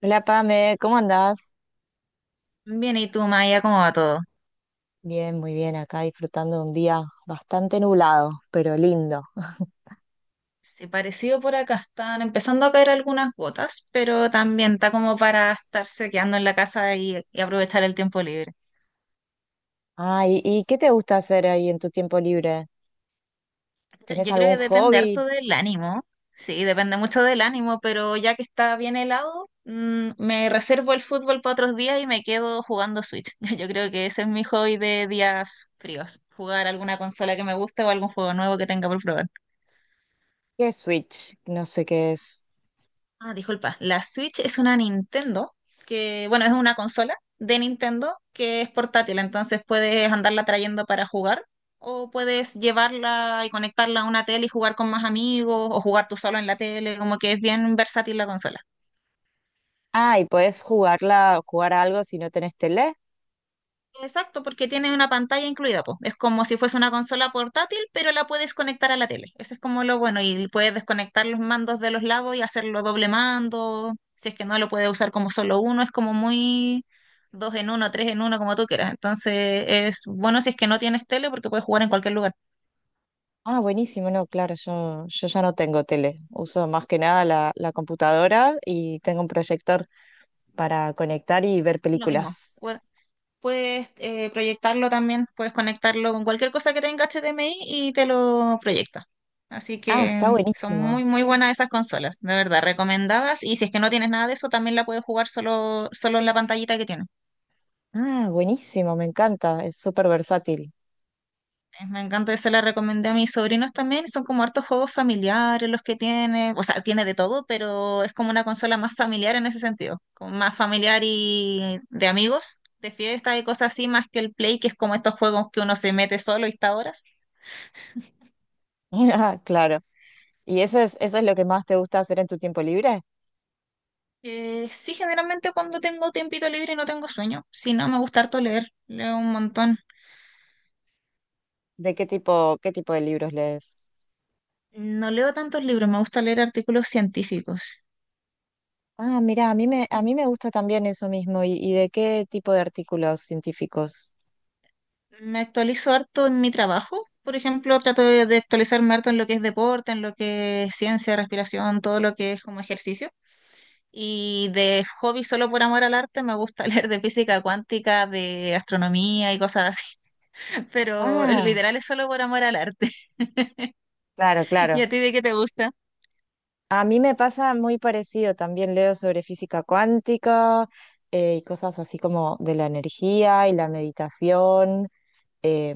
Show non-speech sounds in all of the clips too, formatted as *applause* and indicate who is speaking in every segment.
Speaker 1: Hola Pame, ¿cómo andás?
Speaker 2: Bien, ¿y tú, Maya, cómo va todo?
Speaker 1: Bien, muy bien, acá disfrutando de un día bastante nublado, pero lindo.
Speaker 2: Sí, parecido por acá, están empezando a caer algunas gotas, pero también está como para estarse quedando en la casa y aprovechar el tiempo libre.
Speaker 1: Ay, ¿y qué te gusta hacer ahí en tu tiempo libre?
Speaker 2: Yo
Speaker 1: ¿Tenés
Speaker 2: yo creo
Speaker 1: algún
Speaker 2: que depende
Speaker 1: hobby?
Speaker 2: harto del ánimo, sí, depende mucho del ánimo, pero ya que está bien helado, me reservo el fútbol para otros días y me quedo jugando Switch. *laughs* Yo creo que ese es mi hobby de días fríos, jugar alguna consola que me guste o algún juego nuevo que tenga por probar.
Speaker 1: ¿Qué es Switch? No sé qué es.
Speaker 2: Ah, disculpa. La Switch es una Nintendo, que bueno, es una consola de Nintendo que es portátil, entonces puedes andarla trayendo para jugar o puedes llevarla y conectarla a una tele y jugar con más amigos o jugar tú solo en la tele, como que es bien versátil la consola.
Speaker 1: Ah, ¿y podés jugarla, jugar a algo si no tenés tele?
Speaker 2: Exacto, porque tiene una pantalla incluida, po. Es como si fuese una consola portátil, pero la puedes conectar a la tele. Eso es como lo bueno, y puedes desconectar los mandos de los lados y hacerlo doble mando. Si es que no lo puedes usar como solo uno, es como muy dos en uno, tres en uno, como tú quieras. Entonces es bueno si es que no tienes tele porque puedes jugar en cualquier lugar.
Speaker 1: Ah, buenísimo, no, claro, yo ya no tengo tele. Uso más que nada la computadora y tengo un proyector para conectar y ver
Speaker 2: Lo mismo.
Speaker 1: películas.
Speaker 2: Puedes proyectarlo también, puedes conectarlo con cualquier cosa que tenga HDMI y te lo proyecta. Así
Speaker 1: Ah,
Speaker 2: que
Speaker 1: está
Speaker 2: son
Speaker 1: buenísimo.
Speaker 2: muy, muy buenas esas consolas, de verdad, recomendadas. Y si es que no tienes nada de eso, también la puedes jugar solo, solo en la pantallita que tiene.
Speaker 1: Ah, buenísimo, me encanta, es súper versátil.
Speaker 2: Me encanta, eso la recomendé a mis sobrinos también. Son como hartos juegos familiares los que tiene. O sea, tiene de todo, pero es como una consola más familiar en ese sentido. Como Más familiar y de amigos, de fiesta y cosas así, más que el Play, que es como estos juegos que uno se mete solo y está horas.
Speaker 1: *laughs* Claro. ¿Y eso es lo que más te gusta hacer en tu tiempo libre?
Speaker 2: Sí, generalmente cuando tengo tiempito libre y no tengo sueño. Si no, me gusta harto leer. Leo un montón.
Speaker 1: ¿De qué tipo de libros lees?
Speaker 2: No leo tantos libros, me gusta leer artículos científicos.
Speaker 1: Ah, mira, a mí me gusta también eso mismo. ¿Y de qué tipo de artículos científicos?
Speaker 2: Me actualizo harto en mi trabajo. Por ejemplo, trato de actualizarme harto en lo que es deporte, en lo que es ciencia, respiración, todo lo que es como ejercicio. Y de hobby, solo por amor al arte, me gusta *laughs* leer de física cuántica, de astronomía y cosas así. *laughs* Pero
Speaker 1: Ah,
Speaker 2: literal es solo por amor al arte.
Speaker 1: claro,
Speaker 2: *laughs* ¿Y a
Speaker 1: claro.
Speaker 2: ti de qué te gusta?
Speaker 1: A mí me pasa muy parecido. También leo sobre física cuántica, y cosas así como de la energía y la meditación. Eh,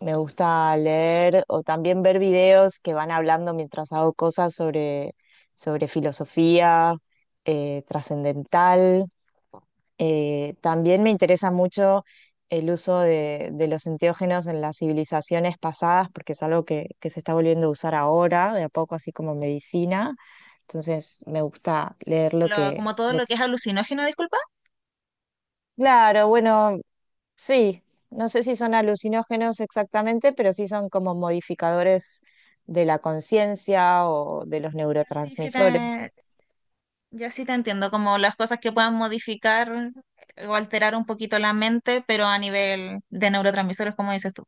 Speaker 1: Me gusta leer o también ver videos que van hablando mientras hago cosas sobre, sobre filosofía, trascendental. También me interesa mucho el uso de los enteógenos en las civilizaciones pasadas, porque es algo que se está volviendo a usar ahora, de a poco, así como medicina. Entonces me gusta leer lo
Speaker 2: Lo-
Speaker 1: que,
Speaker 2: como todo lo que es alucinógeno, disculpa.
Speaker 1: claro, bueno, sí, no sé si son alucinógenos exactamente, pero sí son como modificadores de la conciencia o de los
Speaker 2: Sí, sí
Speaker 1: neurotransmisores.
Speaker 2: te, yo sí te entiendo, como las cosas que puedan modificar o alterar un poquito la mente, pero a nivel de neurotransmisores, como dices tú.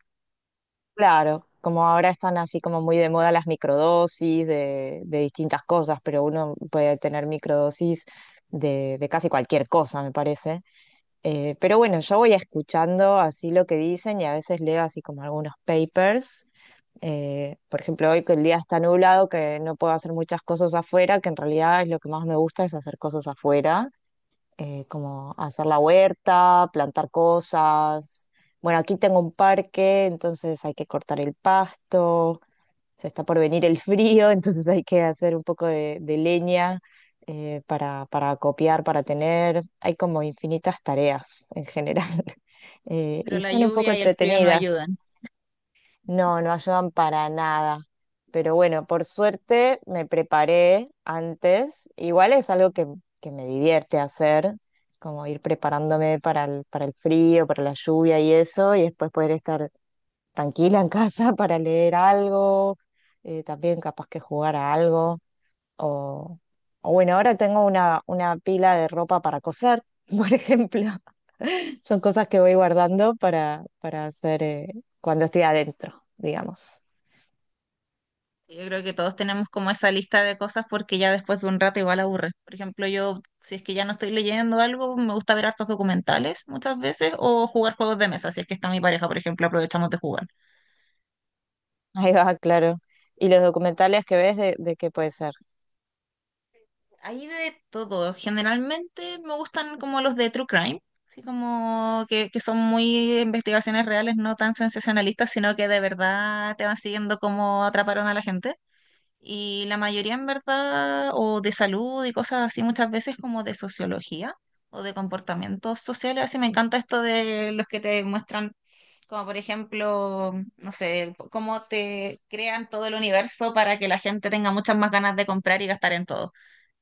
Speaker 1: Claro, como ahora están así como muy de moda las microdosis de distintas cosas, pero uno puede tener microdosis de casi cualquier cosa, me parece. Pero bueno, yo voy escuchando así lo que dicen y a veces leo así como algunos papers. Por ejemplo, hoy que el día está nublado, que no puedo hacer muchas cosas afuera, que en realidad es lo que más me gusta es hacer cosas afuera, como hacer la huerta, plantar cosas. Bueno, aquí tengo un parque, entonces hay que cortar el pasto, se está por venir el frío, *laughs* entonces hay que hacer un poco de leña, para copiar, para tener. Hay como infinitas tareas en general. *laughs*
Speaker 2: Pero
Speaker 1: Y
Speaker 2: la
Speaker 1: son un poco
Speaker 2: lluvia y el frío no
Speaker 1: entretenidas.
Speaker 2: ayudan.
Speaker 1: No, no ayudan para nada. Pero bueno, por suerte me preparé antes. Igual es algo que me divierte hacer, como ir preparándome para el frío, para la lluvia y eso, y después poder estar tranquila en casa *laughs* para leer algo, también capaz que jugar a algo. O, o bueno, ahora tengo una pila de ropa para coser, *laughs* por ejemplo. Son cosas que voy guardando para hacer, cuando estoy adentro, digamos.
Speaker 2: Sí, yo creo que todos tenemos como esa lista de cosas porque ya después de un rato igual aburre. Por ejemplo, yo, si es que ya no estoy leyendo algo, me gusta ver hartos documentales muchas veces o jugar juegos de mesa, si es que está mi pareja, por ejemplo, aprovechamos de jugar.
Speaker 1: Ahí va, claro. ¿Y los documentales que ves de qué puede ser?
Speaker 2: Hay de todo. Generalmente me gustan como los de True Crime, así como que son muy investigaciones reales, no tan sensacionalistas, sino que de verdad te van siguiendo cómo atraparon a la gente. Y la mayoría en verdad, o de salud y cosas así, muchas veces como de sociología o de comportamientos sociales. Así me encanta esto de los que te muestran como por ejemplo, no sé, cómo te crean todo el universo para que la gente tenga muchas más ganas de comprar y gastar en todo.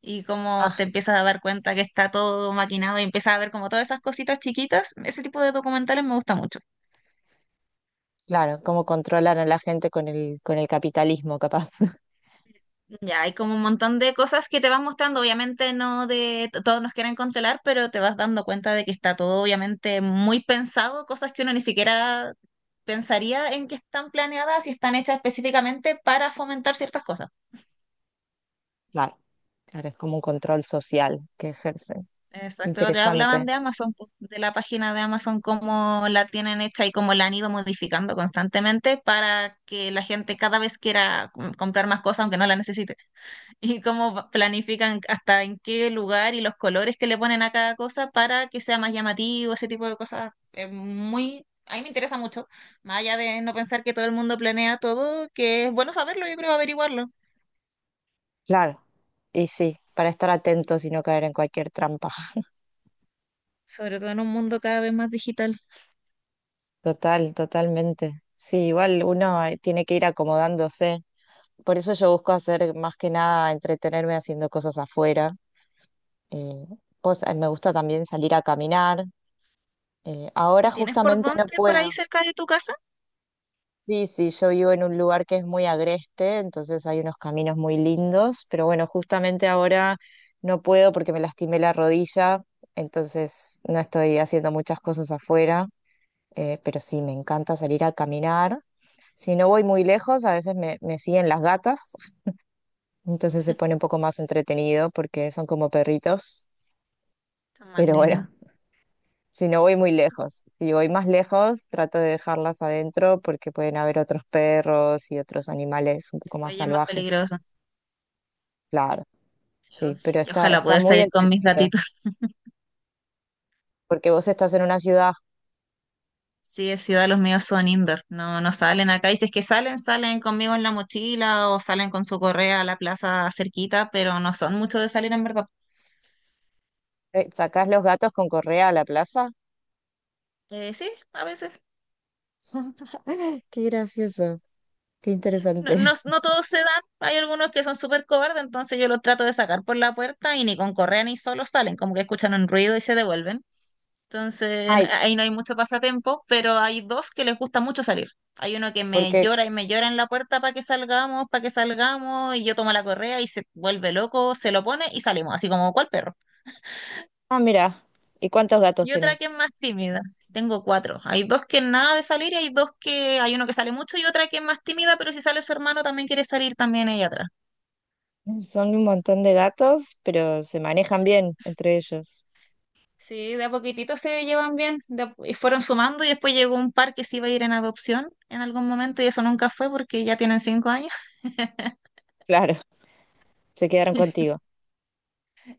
Speaker 2: Y cómo
Speaker 1: Ah,
Speaker 2: te empiezas a dar cuenta que está todo maquinado y empiezas a ver como todas esas cositas chiquitas. Ese tipo de documentales me gusta mucho.
Speaker 1: claro, cómo controlan a la gente con el capitalismo, capaz. *laughs*
Speaker 2: Ya, hay como un montón de cosas que te van mostrando. Obviamente no de t- todos nos quieren controlar, pero te vas dando cuenta de que está todo obviamente muy pensado, cosas que uno ni siquiera pensaría en que están planeadas y están hechas específicamente para fomentar ciertas cosas.
Speaker 1: Claro, claro, es como un control social que ejercen. Qué
Speaker 2: Exacto, lo te hablaban
Speaker 1: interesante.
Speaker 2: de Amazon, po, de la página de Amazon, cómo la tienen hecha y cómo la han ido modificando constantemente para que la gente cada vez quiera com- comprar más cosas aunque no la necesite. *laughs* Y cómo va- planifican hasta en qué lugar y los colores que le ponen a cada cosa para que sea más llamativo, ese tipo de cosas. Es muy, a mí me interesa mucho, más allá de no pensar que todo el mundo planea todo, que es bueno saberlo, yo creo averiguarlo,
Speaker 1: Claro, y sí, para estar atentos y no caer en cualquier trampa.
Speaker 2: sobre todo en un mundo cada vez más digital.
Speaker 1: Total, totalmente. Sí, igual uno, tiene que ir acomodándose. Por eso yo busco hacer más que nada entretenerme haciendo cosas afuera, eh, o sea, me gusta también salir a caminar. Ahora
Speaker 2: ¿Y tienes por
Speaker 1: justamente no
Speaker 2: dónde por ahí
Speaker 1: puedo.
Speaker 2: cerca de tu casa?
Speaker 1: Sí, sí, yo vivo en un lugar que es muy agreste, entonces hay unos caminos muy lindos, pero bueno, justamente ahora no puedo porque me lastimé la rodilla, entonces no estoy haciendo muchas cosas afuera, pero sí, me encanta salir a caminar. Si no voy muy lejos, a veces me siguen las gatas, entonces se pone un poco más entretenido porque son como perritos,
Speaker 2: Está más
Speaker 1: pero bueno,
Speaker 2: lindo.
Speaker 1: si no voy muy lejos, si voy más lejos, trato de dejarlas adentro porque pueden haber otros perros y otros animales un poco más
Speaker 2: Playa es más
Speaker 1: salvajes.
Speaker 2: peligroso.
Speaker 1: Claro,
Speaker 2: Sí, uf,
Speaker 1: sí, pero
Speaker 2: y
Speaker 1: está,
Speaker 2: ojalá
Speaker 1: está
Speaker 2: poder
Speaker 1: muy
Speaker 2: salir con mis
Speaker 1: entretenida
Speaker 2: gatitos. *laughs*
Speaker 1: porque vos estás en una ciudad,
Speaker 2: Sí, de ciudad los míos son indoor, no, no salen acá. Y si es que salen, salen conmigo en la mochila o salen con su correa a la plaza cerquita, pero no son mucho de salir en verdad.
Speaker 1: sacás los gatos con correa a la plaza.
Speaker 2: Sí, a veces.
Speaker 1: *laughs* Qué gracioso, qué
Speaker 2: No,
Speaker 1: interesante.
Speaker 2: no,
Speaker 1: *laughs*
Speaker 2: no todos se dan, hay algunos que son súper cobardes, entonces yo los trato de sacar por la puerta y ni con correa ni solo salen, como que escuchan un ruido y se devuelven. Entonces, n-
Speaker 1: Ay,
Speaker 2: ahí no hay mucho pasatiempo, pero hay dos que les gusta mucho salir. Hay uno que me
Speaker 1: porque,
Speaker 2: llora y me llora en la puerta para que salgamos, y yo tomo la correa y se vuelve loco, se lo pone y salimos, así como cual perro.
Speaker 1: ah, mira, ¿y cuántos gatos
Speaker 2: Y otra que es
Speaker 1: tenés?
Speaker 2: más tímida. Tengo cuatro. Hay dos que nada de salir y hay dos que hay uno que sale mucho y otra que es más tímida, pero si sale su hermano también quiere salir también ella atrás.
Speaker 1: Son un montón de gatos, pero se manejan
Speaker 2: Sí.
Speaker 1: bien entre ellos.
Speaker 2: Sí, de a poquitito se llevan bien de a- y fueron sumando y después llegó un par que se iba a ir en adopción en algún momento y eso nunca fue porque ya tienen 5 años.
Speaker 1: Claro, se quedaron
Speaker 2: *laughs*
Speaker 1: contigo.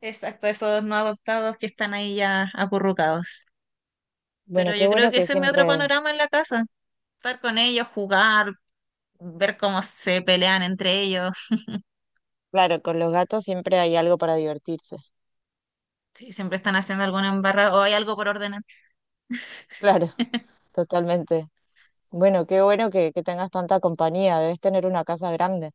Speaker 2: Exacto, esos no adoptados que están ahí ya acurrucados.
Speaker 1: Bueno,
Speaker 2: Pero
Speaker 1: qué
Speaker 2: yo creo
Speaker 1: bueno
Speaker 2: que
Speaker 1: que
Speaker 2: ese es mi otro
Speaker 1: siempre.
Speaker 2: panorama en la casa. Estar con ellos, jugar, ver cómo se pelean entre ellos,
Speaker 1: Claro, con los gatos siempre hay algo para divertirse. *laughs*
Speaker 2: si siempre están haciendo alguna embarrada o hay algo por ordenar.
Speaker 1: Claro, totalmente. Bueno, qué bueno que tengas tanta compañía. Debes tener una casa grande.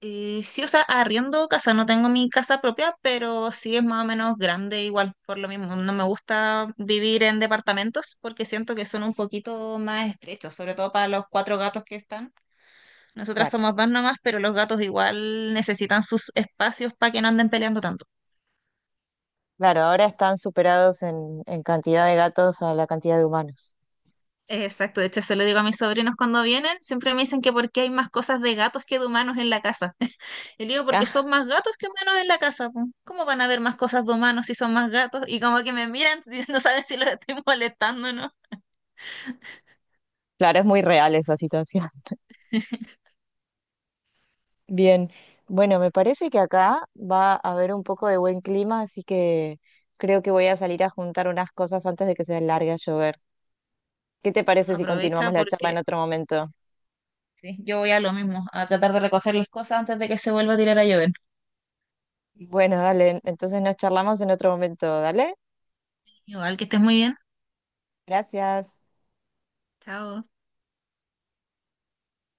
Speaker 2: Y sí, o sea, arriendo casa, no tengo mi casa propia, pero sí es más o menos grande igual, por lo mismo. No me gusta vivir en departamentos porque siento que son un poquito más estrechos, sobre todo para los cuatro gatos que están. Nosotras
Speaker 1: Claro,
Speaker 2: somos dos nomás, pero los gatos igual necesitan sus espacios para que no anden peleando tanto.
Speaker 1: claro, ahora están superados en cantidad de gatos a la cantidad de humanos.
Speaker 2: Exacto, de hecho se lo digo a mis sobrinos cuando vienen, siempre me dicen que por qué hay más cosas de gatos que de humanos en la casa. *laughs* Y le digo porque
Speaker 1: Ah,
Speaker 2: son más gatos que humanos en la casa, po. ¿Cómo van a haber más cosas de humanos si son más gatos? Y como que me miran, *laughs* si no saben si los estoy molestando o no.
Speaker 1: claro, es muy real esa situación. *laughs* Bien, bueno, me parece que acá va a haber un poco de buen clima, así que creo que voy a salir a juntar unas cosas antes de que se largue a llover. ¿Qué te parece si continuamos
Speaker 2: Aprovecha
Speaker 1: la charla en
Speaker 2: porque
Speaker 1: otro momento?
Speaker 2: sí, yo voy a lo mismo, a tratar de recoger las cosas antes de que se vuelva a tirar a llover.
Speaker 1: Bueno, dale, entonces nos charlamos en otro momento, dale.
Speaker 2: Igual que estés muy bien.
Speaker 1: Gracias.
Speaker 2: Chao.